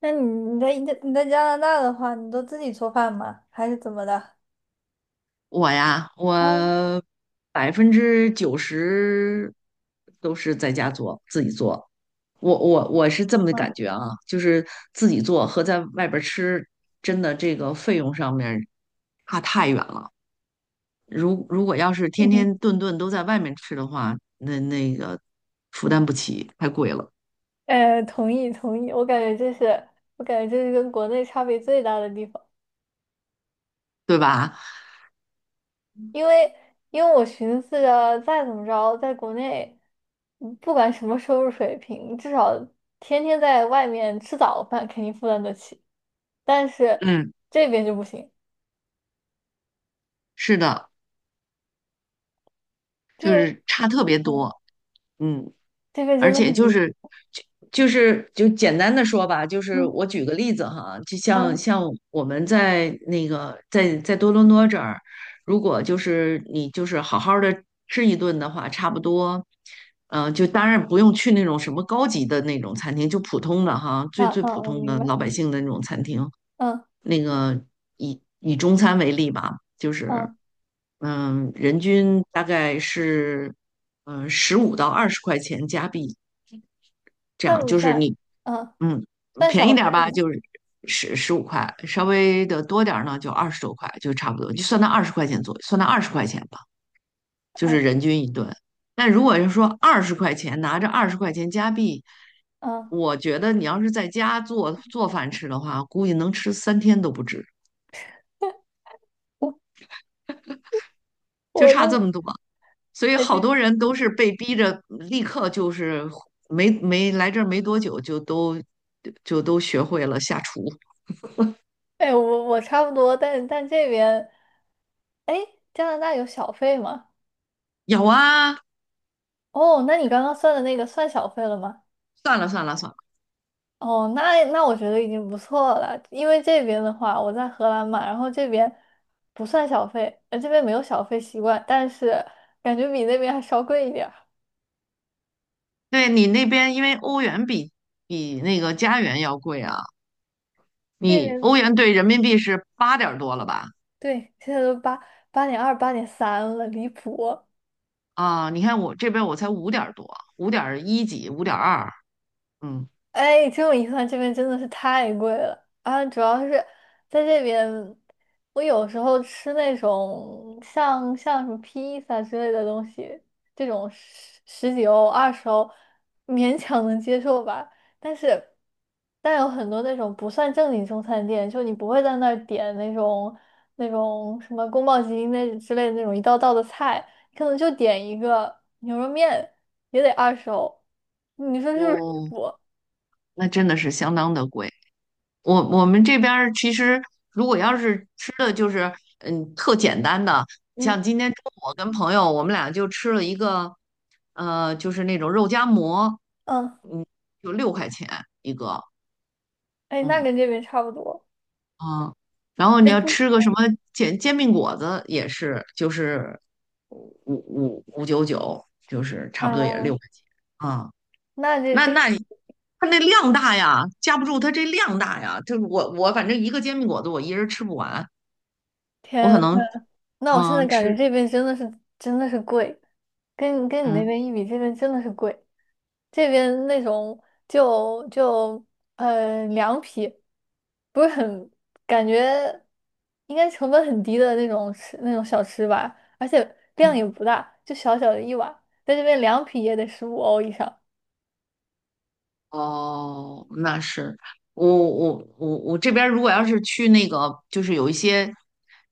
那你你在加拿大的话，你都自己做饭吗？还是怎么的？我呀，嗯我90%都是在家做，自己做。我是这么的嗯感觉啊，就是自己做和在外边儿吃，真的这个费用上面儿差太远了。如果要是天嗯，天顿顿都在外面吃的话，那个负担不起，太贵了，同意同意，我感觉这是跟国内差别最大的地方，对吧？因为因为我寻思着再怎么着，在国内，不管什么收入水平，至少天天在外面吃早饭肯定负担得起，但是嗯，这边就不行，是的，这就边是差特别嗯多。嗯，这边真而的且很就离，是就就是就简单的说吧，就是嗯我举个例子哈，就像嗯像我们在那个在在多伦多这儿，如果就是你就是好好的吃一顿的话，差不多，就当然不用去那种什么高级的那种餐厅，就普通的哈，啊最啊，普我通明的白，老百姓的那种餐厅。嗯那个以中餐为例吧，就是嗯，人均大概是15到20块钱加币。这算样不就是算？你，嗯。嗯，算便小宜点费儿吧，吗？就是十五块，稍微的多点儿呢，就二十多块，就差不多，就算到二十块钱左右，算到二十块钱吧，就是哎，人均一顿。但如果是说二十块钱，拿着二十块钱加币，嗯，我觉得你要是在家做做饭吃的话，估计能吃3天都不止，我就我差这就么多。所以哎，其好实多人嗯都是被逼着立刻就是没来这儿没多久就都学会了下厨。哎，我差不多，但这边哎，加拿大有小费吗？有啊，哦，那你刚刚算的那个算小费了吗？算了算了算了。哦，那我觉得已经不错了，因为这边的话，我在荷兰嘛，然后这边不算小费，这边没有小费习惯，但是感觉比那边还稍贵一点儿。对，你那边因为欧元比那个加元要贵啊，这你欧边元兑人民币是8点多了吧？对，现在都八8.2、8.3了，离谱。啊，你看我这边我才5点多，5点1几，5点2，嗯。哎，这么一传这边真的是太贵了啊！主要是在这边，我有时候吃那种像什么披萨之类的东西，这种十几欧、二十欧，勉强能接受吧。但是，但有很多那种不算正经中餐店，就你不会在那儿点那种什么宫保鸡丁那之类的那种一道道的菜，可能就点一个牛肉面也得二十欧，你说是不是离哦，谱？那真的是相当的贵。我们这边儿其实如果要是吃的就是特简单的，嗯像今天中午我跟朋友我们俩就吃了一个，就是那种肉夹馍，嗯，就六块钱一个。哎，那嗯，跟这边差不多。嗯，然后这你要不，吃个什么煎饼果子也是，就是5.99，就是差不多也是六啊，块钱啊。那这那这那你它那量大呀，架不住它这量大呀。就我反正一个煎饼果子我一人吃不完，我可天，能那我现在感觉吃这边真的是贵，跟你那嗯边一比，这边真的是贵。这边那种就凉皮，不是很感觉应该成本很低的那种吃那种小吃吧，而且量嗯。也不大，就小小的一碗，在这边凉皮也得15欧以上。哦，那是我这边儿如果要是去那个，就是有一些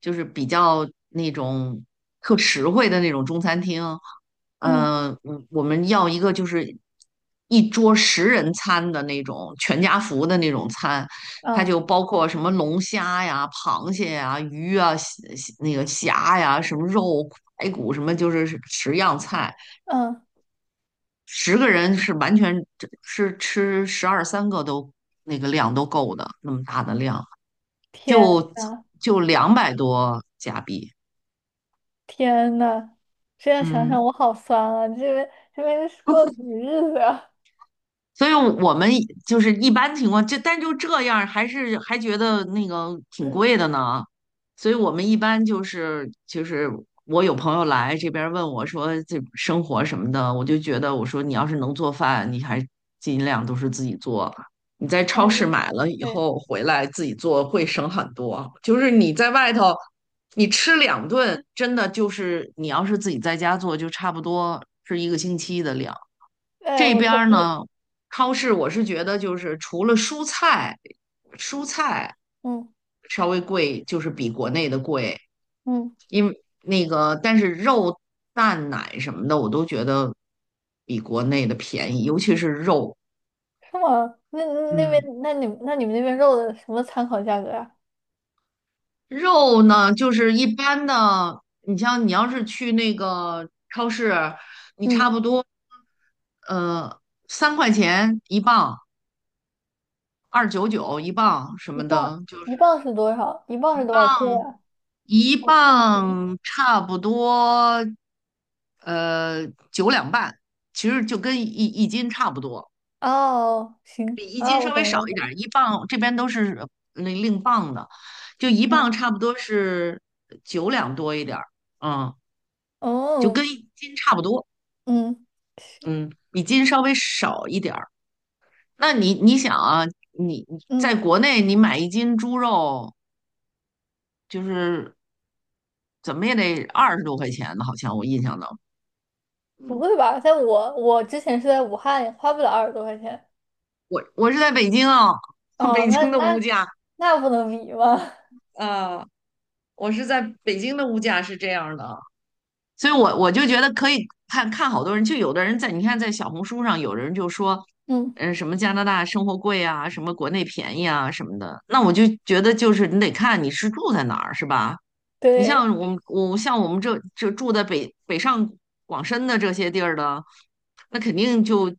就是比较那种特实惠的那种中餐厅，嗯我们要一个就是一桌10人餐的那种全家福的那种餐，它嗯就包括什么龙虾呀、螃蟹呀、鱼啊、虾那个虾呀、什么肉、排骨什么，就是10样菜。嗯，10个人是完全是吃12、13个都量都够的，那么大的量，天就呐！就200多加币。天呐，这样想想嗯，我好酸啊！这边这边是过了什么日子啊？所以我们就是一般情况，但这样，还是觉得那个挺贵的呢。所以我们一般就是我有朋友来这边问我说这生活什么的，我就觉得我说你要是能做饭，你还尽量都是自己做。你在 哎，超市买了以对，后回来自己做会省很多。就是你在外头，你吃2顿，真的就是你要是自己在家做，就差不多是一个星期的量。哎，这我边同儿意。呢，超市我是觉得就是除了蔬菜，蔬菜嗯稍微贵，就是比国内的贵。嗯，那个，但是肉、蛋、奶什么的，我都觉得比国内的便宜，尤其是肉。是吗？那那边嗯，那你那你们那边肉的什么参考价格啊？肉呢，就是一般的，你像你要是去那个超市，你差嗯，不多呃3块钱1磅，2.99一磅什一么磅的，就一磅是。是多少？一磅是多少克呀？一我算不清。磅差不多，呃，9两半，其实就跟一斤差不多，哦，行比一啊，斤我稍微懂了，我少一懂点了。儿。一磅这边都是那另磅的，就一嗯，磅差不多是9两多一点儿，嗯，就哦，跟一斤差不多，嗯，是，嗯，比斤稍微少一点儿。那你想啊，你嗯，在国内你买一斤猪肉就是怎么也得二十多块钱呢，好像我印象当中。不会吧？在我之前是在武汉，花不了20多块钱。我是在北京啊，哦，北那京的物那价，那不能比吗？呃，我是在北京的物价是这样的，所以我就觉得可以看看好多人，就有的人在你看在小红书上，有人就说，嗯，什么加拿大生活贵啊，什么国内便宜啊什么的，那我就觉得就是你得看你是住在哪儿，是吧？你对，像我们我像我们这住在北上广深的这些地儿的，那肯定就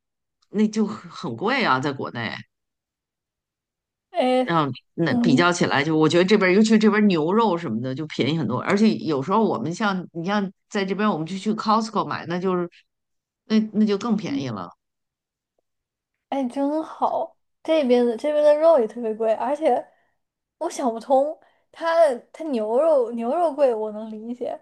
那就很贵啊，在国内。哎，嗯，那比嗯较起来就，我觉得这边儿尤其这边儿牛肉什么的就便宜很多，而且有时候我们像你像在这边，我们就去 Costco 买，那就更便嗯，宜了。哎，真好。这边的肉也特别贵，而且我想不通，它牛肉贵我能理解，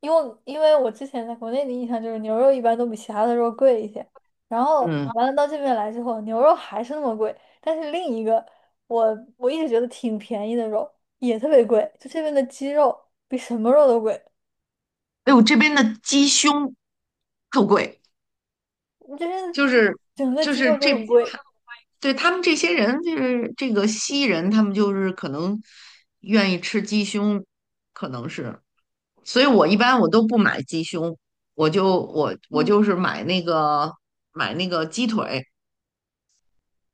因为我之前在国内的印象就是牛肉一般都比其他的肉贵一些，然后嗯，完了到这边来之后，牛肉还是那么贵，但是另一个我一直觉得挺便宜的肉也特别贵，就这边的鸡肉比什么肉都贵，哎呦，这边的鸡胸特贵，就就是是整个就鸡肉是就这，很贵。对他们这些人就是这个西人，他们就是可能愿意吃鸡胸，可能是，所以我一般都不买鸡胸，我嗯。就是买那个鸡腿。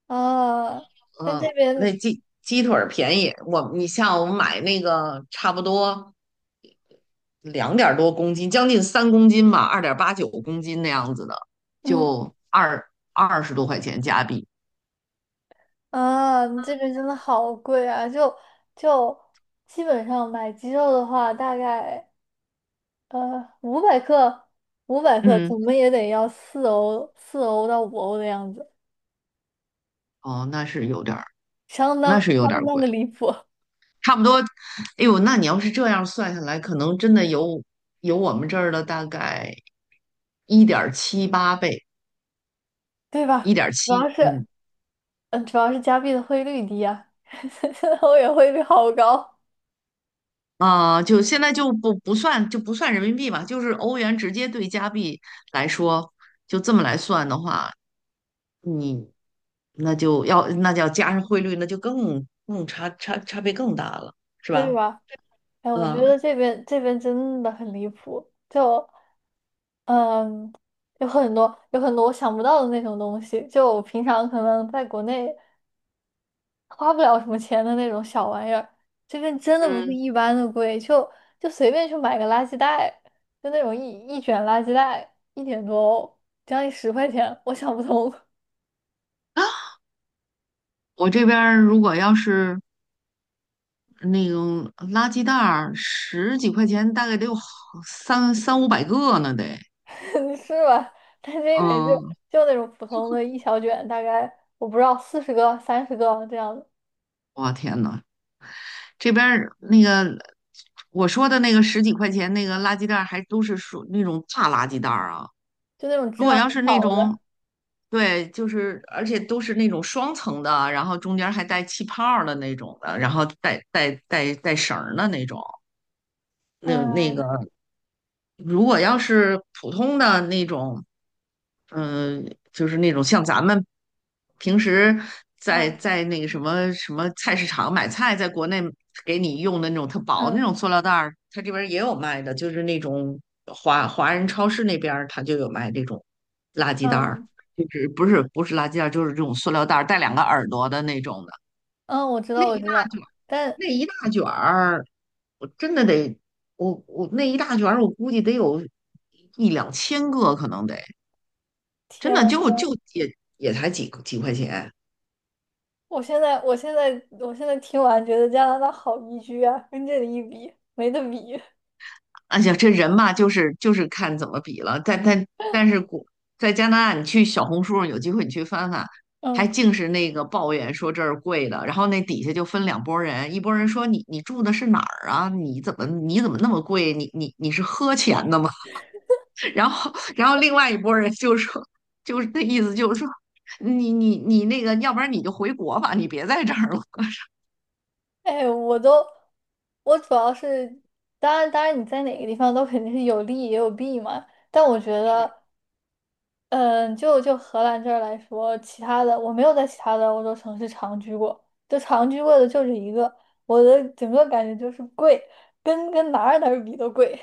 啊，但这嗯，边，那鸡腿儿便宜，我你像我们买那个差不多2点多公斤，将近3公斤吧，2.89公斤那样子的，嗯就二二十多块钱加币。啊，这边真的好贵啊！就基本上买鸡肉的话，大概呃五百克，五百克嗯，怎么也得要四欧，四欧到五欧的样子，哦，那是有点儿，相当那是有点相儿当贵，的离谱，差不多。哎呦，那你要是这样算下来，可能真的有我们这儿的大概1.78倍，对一吧？点主要七，是，嗯。嗯，主要是加币的汇率低啊，现在欧元汇率好高，啊、就现在就不不算就不算人民币吧，就是欧元直接对加币来说，就这么来算的话，你那就要那就要加上汇率，那就更差别更大了，是对吧？吧？哎，我觉嗯得这边真的很离谱，就。嗯，有很多我想不到的那种东西，就我平常可能在国内花不了什么钱的那种小玩意儿，这边真的不是嗯。一般的贵，就随便去买个垃圾袋，就那种一卷垃圾袋一点多欧将近10块钱，我想不通，我这边儿如果要是那种垃圾袋儿，十几块钱，大概得有好三500个呢，得。是吧？但这边就嗯，就那种普通的一小卷，大概我不知道40个、30个这样的，我天呐，这边儿那个我说的那个十几块钱那个垃圾袋，还都是属那种大垃圾袋儿啊。就那种质如果量要是很那好种，的，对，就是而且都是那种双层的，然后中间还带气泡儿的那种的，然后带绳儿的那种，那嗯那个。如果要是普通的那种，嗯、就是那种像咱们平时在啊在那个什么菜市场买菜，在国内给你用的那种特薄的那嗯种塑料袋儿，它这边儿也有卖的，就是那种华人超市那边儿它就有卖这种垃圾袋儿，嗯。就是不是垃圾袋儿，就是这种塑料袋儿带两个耳朵的那种的。嗯，我知道，我知道，但那一大卷儿，我真的得，我那一大卷儿，我估计得有1,2千个，可能得，真天，的就也才几块钱。我现在听完觉得加拿大好宜居啊，跟这里一比，没得比。而呀，这人嘛，就是看怎么比了。但是在加拿大，你去小红书上有机会你去翻翻，还嗯，净是那个抱怨说这儿贵的，然后那底下就分两拨人，一拨人说你住的是哪儿啊？你怎么那么贵？你是喝钱的吗？然后另外一拨人就说，就是那意思就是说，你那个，要不然你就回国吧，你别在这儿了。哎，我都，我主要是，当然，当然你在哪个地方都肯定是有利也有弊嘛，但我觉是，得，嗯，就荷兰这儿来说，其他的我没有在其他的欧洲城市长居过，就长居过的就这一个，我的整个感觉就是贵，跟哪儿哪儿比都贵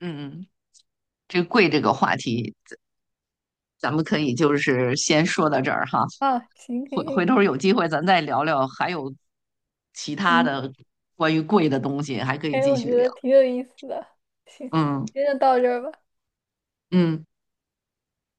嗯，这贵这个话题，咱们可以就是先说到这儿哈，啊，行行回行，回头有机会咱再聊聊，还有其他嗯。的关于贵的东西，还可以哎，继我续觉聊。得挺有意思的。行，嗯今天就到这儿吧。嗯。